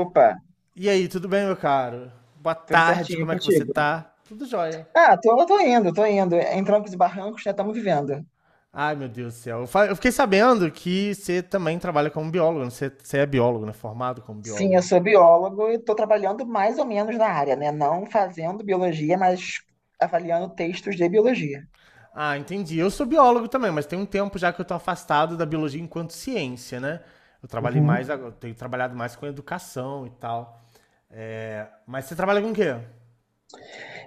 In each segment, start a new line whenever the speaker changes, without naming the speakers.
Opa,
E aí, tudo bem, meu caro? Boa
tudo
tarde,
certinho
como é que você
contigo?
tá? Tudo jóia.
Ah, tô, tô indo. Em trancos e barrancos, né? Estamos vivendo.
Ai, meu Deus do céu. Eu fiquei sabendo que você também trabalha como biólogo, né? Você é biólogo, né? Formado como
Sim,
biólogo.
eu sou biólogo e estou trabalhando mais ou menos na área, né? Não fazendo biologia, mas avaliando textos de biologia.
Ah, entendi. Eu sou biólogo também, mas tem um tempo já que eu tô afastado da biologia enquanto ciência, né? Eu trabalhei
Uhum.
mais, tenho trabalhado mais com educação e tal. É, mas você trabalha com o quê?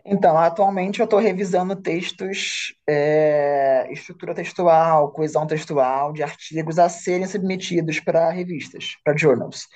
Então, atualmente eu estou revisando textos, estrutura textual, coesão textual, de artigos a serem submetidos para revistas, para journals.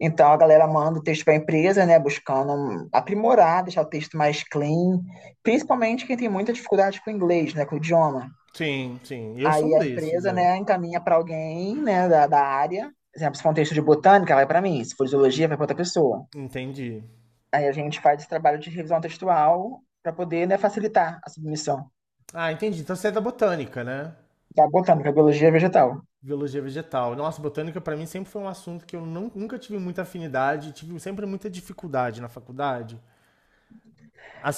Então a galera manda o texto para a empresa, né, buscando aprimorar, deixar o texto mais clean, principalmente quem tem muita dificuldade com o inglês, né, com o idioma.
Sim, sim. Eu sou
Aí
um
a
desses,
empresa,
é.
né, encaminha para alguém, né, da área. Por exemplo, se for um texto de botânica, vai para mim, se for de zoologia, vai para outra pessoa.
Entendi.
Aí a gente faz esse trabalho de revisão textual para poder, né, facilitar a submissão
Ah, entendi. Então você é da botânica, né?
da botânica, biologia vegetal.
Biologia vegetal. Nossa, botânica para mim sempre foi um assunto que eu não- nunca tive muita afinidade, tive sempre muita dificuldade na faculdade.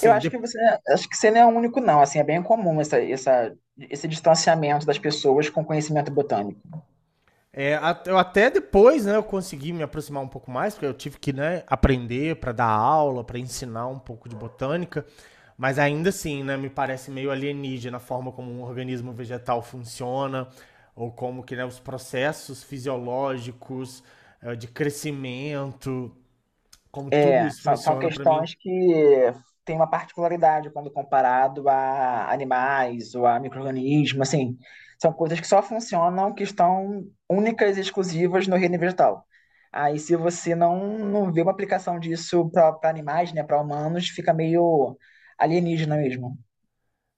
Eu acho que você não é o único não, assim, é bem comum esse distanciamento das pessoas com conhecimento botânico.
eu até depois, né, eu consegui me aproximar um pouco mais, porque eu tive que, né, aprender para dar aula, para ensinar um pouco de botânica, mas ainda assim, né, me parece meio alienígena a forma como um organismo vegetal funciona, ou como que, né, os processos fisiológicos, de crescimento, como tudo
É,
isso
são
funciona para mim.
questões que têm uma particularidade quando comparado a animais ou a micro-organismos, assim, são coisas que só funcionam, que estão únicas e exclusivas no reino vegetal. Aí, se você não vê uma aplicação disso para animais, né, para humanos, fica meio alienígena mesmo.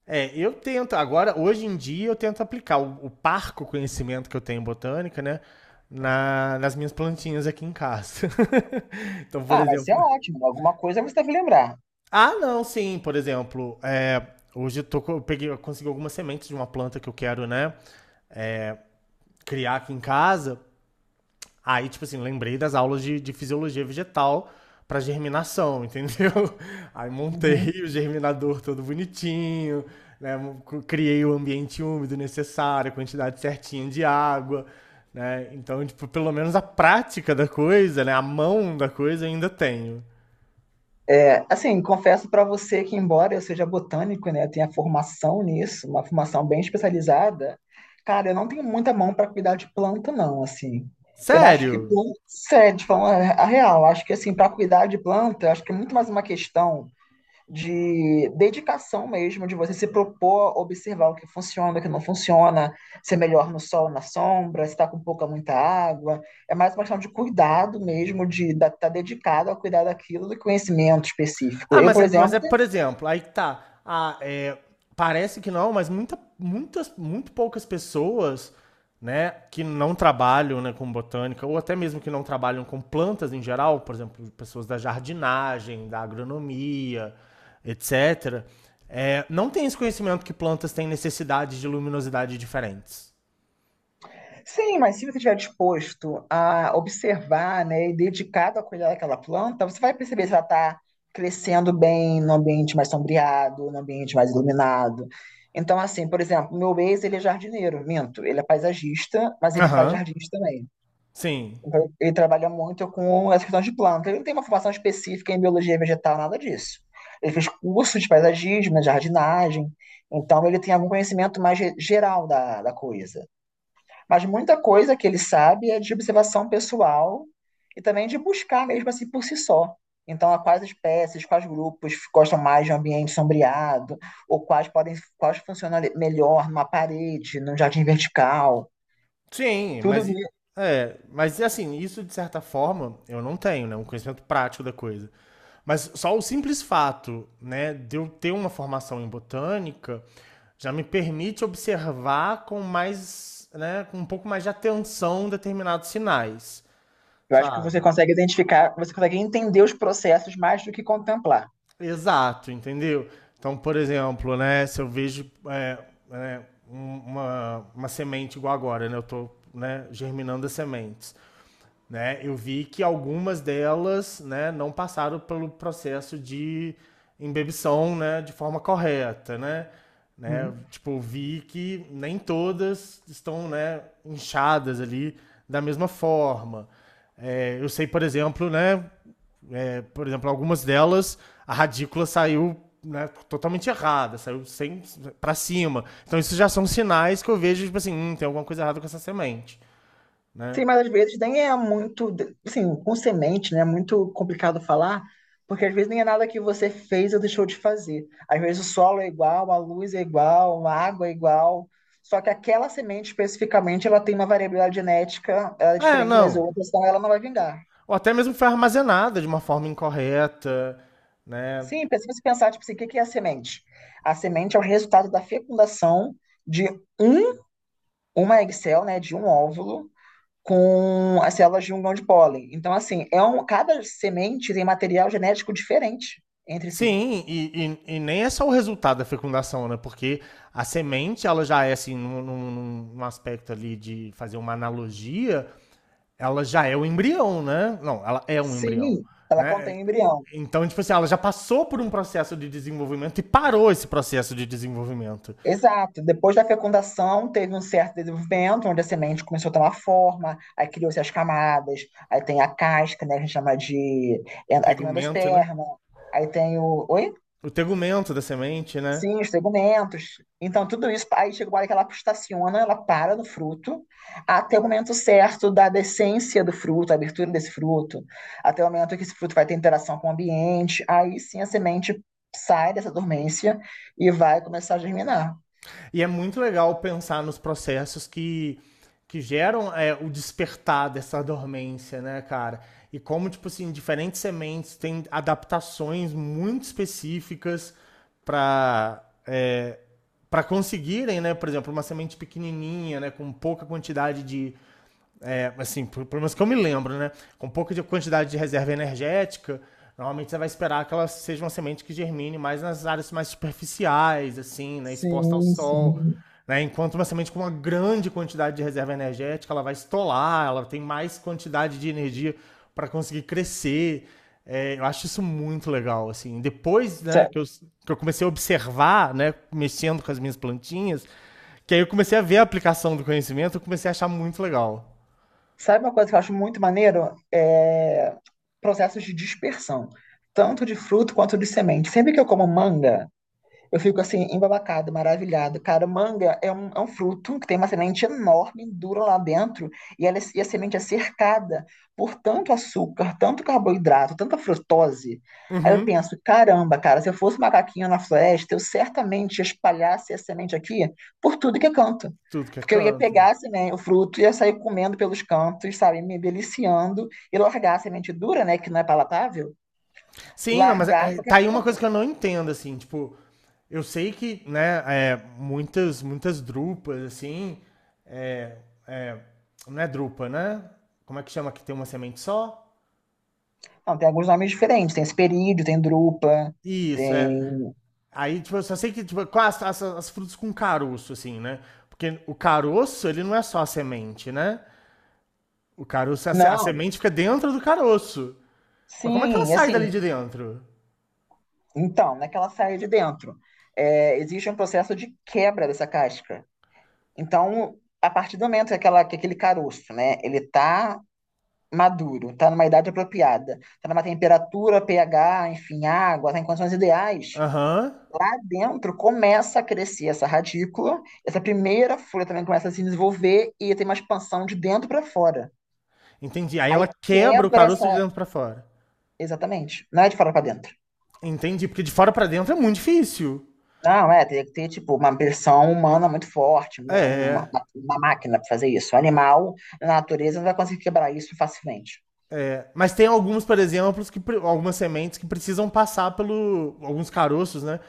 É, eu tento, agora, hoje em dia, eu tento aplicar o parco conhecimento que eu tenho em botânica, né? Nas minhas plantinhas aqui em casa. Então, por
Ah, mas isso é
exemplo.
ótimo, alguma coisa você deve lembrar.
Ah, não, sim, por exemplo, é, hoje eu peguei, eu consegui algumas sementes de uma planta que eu quero, né? é, criar aqui em casa. Aí, tipo assim, lembrei das aulas de fisiologia vegetal pra germinação, entendeu? Aí montei
Uhum.
o germinador todo bonitinho, né? Criei o ambiente úmido necessário, a quantidade certinha de água, né? Então, tipo, pelo menos a prática da coisa, né? A mão da coisa eu ainda tenho.
É, assim, confesso para você que, embora eu seja botânico, né, tenha formação nisso, uma formação bem especializada, cara, eu não tenho muita mão para cuidar de planta, não, assim. Eu acho que,
Sério?
sério, de forma a real, acho que, assim, para cuidar de planta, eu acho que é muito mais uma questão de dedicação mesmo, de você se propor observar o que funciona, o que não funciona, se é melhor no sol, ou na sombra, se está com pouca, muita água. É mais uma questão de cuidado mesmo, de estar tá dedicado a cuidar daquilo, do conhecimento específico.
Ah,
Eu,
mas
por
é, mas
exemplo,
é, por exemplo, aí que tá. Ah, parece que não, mas muito poucas pessoas né, que não trabalham né, com botânica, ou até mesmo que não trabalham com plantas em geral, por exemplo, pessoas da jardinagem, da agronomia, etc., não tem esse conhecimento que plantas têm necessidades de luminosidade diferentes.
sim, mas se você estiver disposto a observar, né, e dedicado a cuidar daquela planta, você vai perceber se ela está crescendo bem no ambiente mais sombreado, no ambiente mais iluminado. Então, assim, por exemplo, meu ex, ele é jardineiro, minto, ele é paisagista, mas ele faz
Aham.
jardins também.
Sim.
Então, ele trabalha muito com essa questão de planta. Ele não tem uma formação específica em biologia vegetal, nada disso. Ele fez curso de paisagismo, de jardinagem, então ele tem algum conhecimento mais geral da coisa. Mas muita coisa que ele sabe é de observação pessoal e também de buscar mesmo assim por si só. Então, a quais espécies, quais grupos gostam mais de um ambiente sombreado, ou quais podem, quais funcionam melhor numa parede, num jardim vertical.
Sim,
Tudo isso.
mas assim, isso de certa forma eu não tenho, né, um conhecimento prático da coisa. Mas só o simples fato, né, de eu ter uma formação em botânica já me permite observar com mais, né, com um pouco mais de atenção determinados sinais,
Eu acho que você
sabe?
consegue identificar, você consegue entender os processos mais do que contemplar.
Exato, entendeu? Então, por exemplo, né, se eu vejo né, uma semente igual agora, né, eu tô, né, germinando as sementes. Né? Eu vi que algumas delas, né, não passaram pelo processo de embebição, né, de forma correta, né? Né?
Hum.
Tipo, vi que nem todas estão, né, inchadas ali da mesma forma. É, eu sei, por exemplo, né, algumas delas a radícula saiu né, totalmente errada, saiu sem para cima. Então isso já são sinais que eu vejo tipo assim, tem alguma coisa errada com essa semente, né?
Sim, mas às vezes nem é muito, assim, com semente, né? É muito complicado falar, porque às vezes nem é nada que você fez ou deixou de fazer. Às vezes o solo é igual, a luz é igual, a água é igual, só que aquela semente especificamente, ela tem uma variabilidade genética, ela é
É,
diferente das
não,
outras, então ela não vai vingar.
ou até mesmo foi armazenada de uma forma incorreta, né?
Sim, se você pensar, tipo assim, o que é a semente? A semente é o resultado da fecundação de um, uma egg cell, né, de um óvulo, com as células de um grão de pólen. Então, assim, é um, cada semente tem material genético diferente entre si.
Sim, e nem é só o resultado da fecundação, né? Porque a semente, ela já é, assim, num aspecto ali de fazer uma analogia, ela já é o embrião, né? Não, ela é um embrião,
Sim, ela
né?
contém um embrião.
Então, tipo assim, ela já passou por um processo de desenvolvimento e parou esse processo de desenvolvimento.
Exato. Depois da fecundação, teve um certo desenvolvimento, onde a semente começou a tomar forma, aí criou-se as camadas, aí tem a casca, né, que a gente chama de... aí tem o
Tegumento, né?
endosperma, aí tem o... Oi?
O tegumento da semente, né?
Sim, os segmentos. Então, tudo isso, aí chega uma hora que ela estaciona, ela para no fruto, até o momento certo da decência do fruto, a abertura desse fruto, até o momento que esse fruto vai ter interação com o ambiente, aí sim a semente sai dessa dormência e vai começar a germinar.
E é muito legal pensar nos processos que geram o despertar dessa dormência, né, cara? E como, tipo assim, diferentes sementes têm adaptações muito específicas para é, para conseguirem, né, por exemplo, uma semente pequenininha, né, com pouca quantidade de, assim, pelo menos que eu me lembro, né? Com pouca quantidade de reserva energética, normalmente você vai esperar que ela seja uma semente que germine mais nas áreas mais superficiais, assim, né? Exposta ao
Sim,
sol.
sim.
Né? Enquanto uma semente com uma grande quantidade de reserva energética, ela vai estolar, ela tem mais quantidade de energia para conseguir crescer. É, eu acho isso muito legal, assim. Depois, né,
Sa-
que eu, comecei a observar, né, mexendo com as minhas plantinhas, que aí eu comecei a ver a aplicação do conhecimento, eu comecei a achar muito legal.
Sabe uma coisa que eu acho muito maneiro? É processos de dispersão, tanto de fruto quanto de semente. Sempre que eu como manga, eu fico assim, embabacada, maravilhada. Cara, manga é um fruto que tem uma semente enorme, dura lá dentro, e, ela, e a semente é cercada por tanto açúcar, tanto carboidrato, tanta frutose. Aí eu
Uhum,
penso, caramba, cara, se eu fosse um macaquinho na floresta, eu certamente espalhasse essa semente aqui por tudo que é canto.
tudo que é
Porque eu ia
canto.
pegar assim, né, o fruto, ia sair comendo pelos cantos, sabe, me deliciando, e largar a semente dura, né, que não é palatável,
Sim, não, mas
largar em qualquer
tá aí uma coisa
canto.
que eu não entendo, assim, tipo, eu sei que, né, muitas drupas, assim, é, é, não é drupa, né? Como é que chama que tem uma semente só?
Não, tem alguns nomes diferentes. Tem Hesperídeo, tem Drupa,
Isso, é.
tem.
Aí, tipo, eu só sei que, tipo, com as frutas com caroço, assim, né? Porque o caroço, ele não é só a semente, né? O caroço, a, se- a
Não,
semente fica dentro do caroço. Mas como é que ela
sim,
sai dali
assim.
de dentro?
Então, naquela saia de dentro, existe um processo de quebra dessa casca. Então, a partir do momento que, aquela, que aquele caroço, né, ele tá maduro, tá numa idade apropriada, tá numa temperatura, pH, enfim, água, tá em condições ideais,
Aham.
lá dentro começa a crescer essa radícula, essa primeira folha também começa a se desenvolver e tem uma expansão de dentro para fora.
Entendi. Aí
Aí
ela quebra o
quebra
caroço
essa,
de dentro pra fora.
exatamente. Não é de fora para dentro.
Entendi, porque de fora pra dentro é muito difícil.
Não, é, teria que ter, tipo, uma versão humana muito forte,
É,
uma máquina para fazer isso. O animal, na natureza, não vai conseguir quebrar isso facilmente.
é. Mas tem alguns, por exemplo, algumas sementes que precisam passar pelo. Alguns caroços, né?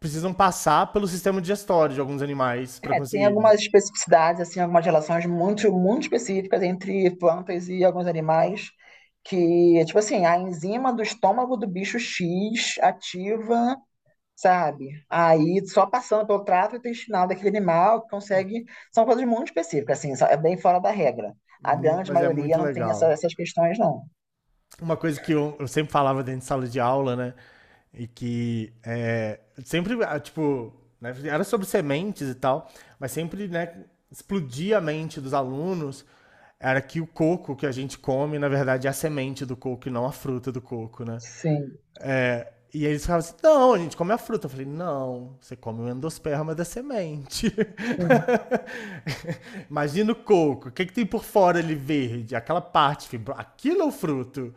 Precisam passar pelo sistema digestório de alguns animais pra
É, tem
conseguirem.
algumas especificidades, assim, algumas relações muito específicas entre plantas e alguns animais, que, tipo assim, a enzima do estômago do bicho X ativa sabe? Aí só passando pelo trato intestinal daquele animal que consegue. São coisas muito específicas, assim, é bem fora da regra. A grande
Mas é
maioria
muito
não tem
legal.
essas questões, não.
Uma coisa que eu sempre falava dentro de sala de aula, né? E que é, sempre, ah, tipo, né, era sobre sementes e tal, mas sempre, né, explodia a mente dos alunos era que o coco que a gente come, na verdade, é a semente do coco e não a fruta do coco, né?
Sim,
E eles falavam: assim, não, a gente come a fruta. Eu falei, não, você come o endosperma da semente.
sim.
Imagina o coco, o que, é que tem por fora ali verde? Aquela parte, aquilo é o fruto.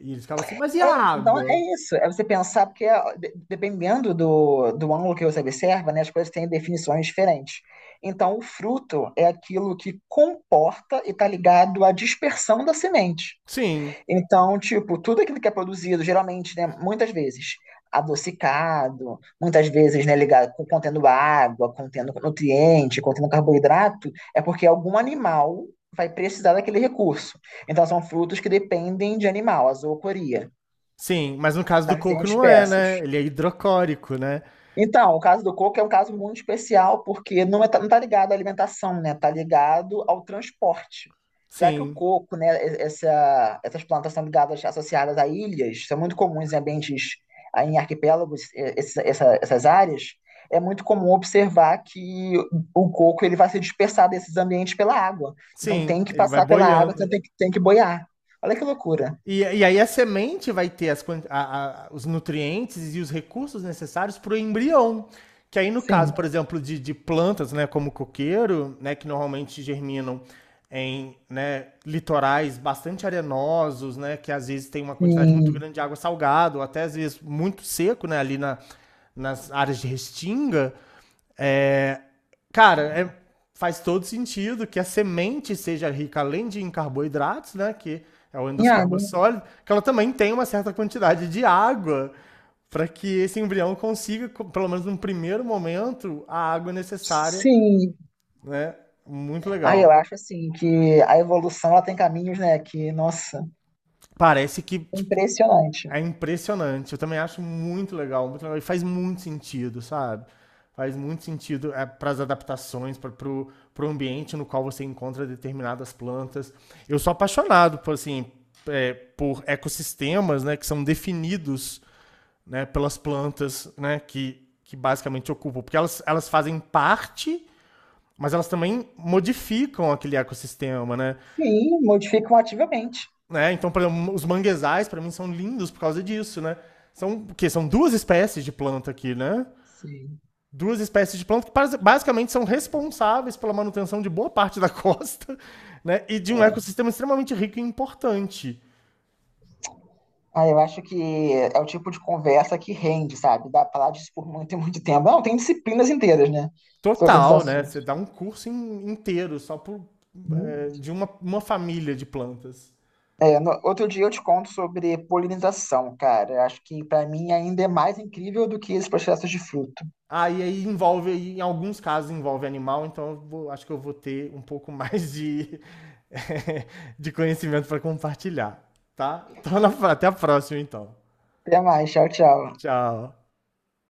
E eles ficavam assim, mas e a
É, então
água?
é isso, é você pensar, porque ó, dependendo do, do ângulo que você observa, né, as coisas têm definições diferentes. Então, o fruto é aquilo que comporta e está ligado à dispersão da semente.
Sim,
Então, tipo, tudo aquilo que é produzido, geralmente, né, muitas vezes adocicado, muitas vezes, né, ligado com contendo água, contendo nutriente, contendo carboidrato, é porque algum animal vai precisar daquele recurso. Então, são frutos que dependem de animal, a zoocoria,
sim. Mas no caso do
para serem
coco não é,
espessos.
né? Ele é hidrocórico, né?
Então, o caso do coco é um caso muito especial, porque não está ligado à alimentação, né? Está ligado ao transporte. Já que o
Sim,
coco, né, essas plantas são ligadas, associadas a ilhas, são muito comuns em ambientes, ah, em arquipélagos, essas áreas, é muito comum observar que o coco ele vai se dispersar desses ambientes pela água. Então
sim.
tem que
Ele vai
passar pela água, então
boiando.
tem que boiar. Olha que loucura.
E aí a semente vai ter os nutrientes e os recursos necessários para o embrião. Que aí, no
Sim,
caso, por exemplo, de, plantas, né, como o coqueiro, né, que normalmente germinam em né, litorais bastante arenosos, né, que às vezes tem uma quantidade muito
sim.
grande de água salgada, ou até às vezes muito seco, né, ali nas áreas de restinga, é, cara, faz todo sentido que a semente seja rica além de em carboidratos, né? Que é o
Em
endosperma
água.
sólido, que ela também tem uma certa quantidade de água para que esse embrião consiga, pelo menos num primeiro momento, a água necessária,
Sim,
né? Muito
ah,
legal.
eu acho assim que a evolução ela tem caminhos, né, que, nossa,
Parece que
impressionante.
é impressionante. Eu também acho muito legal, muito legal. E faz muito sentido, sabe? Faz muito sentido para as adaptações, para pro ambiente no qual você encontra determinadas plantas. Eu sou apaixonado por, assim, por ecossistemas né, que são definidos né, pelas plantas né, que basicamente ocupam. Porque elas fazem parte mas elas também modificam aquele ecossistema, né?
Sim, modificam ativamente.
Né? Então, por exemplo, os manguezais, para mim, são lindos por causa disso, né? São o quê? São duas espécies de planta aqui, né?
Sim.
Duas espécies de planta que basicamente são responsáveis pela manutenção de boa parte da costa, né? E de um
É.
ecossistema extremamente rico e importante.
Ah, eu acho que é o tipo de conversa que rende, sabe? Dá pra falar disso por muito e muito tempo. Não, tem disciplinas inteiras, né? Sobre esse
Total, né?
assunto.
Você dá um curso inteiro só
Uhum.
de uma família de plantas.
É, outro dia eu te conto sobre polinização, cara. Eu acho que pra mim ainda é mais incrível do que esses processos de fruto.
Aí envolve, em alguns casos envolve animal, então acho que eu vou ter um pouco mais de, de conhecimento para compartilhar, tá? Então, até a próxima, então.
Até mais, tchau, tchau.
Tchau.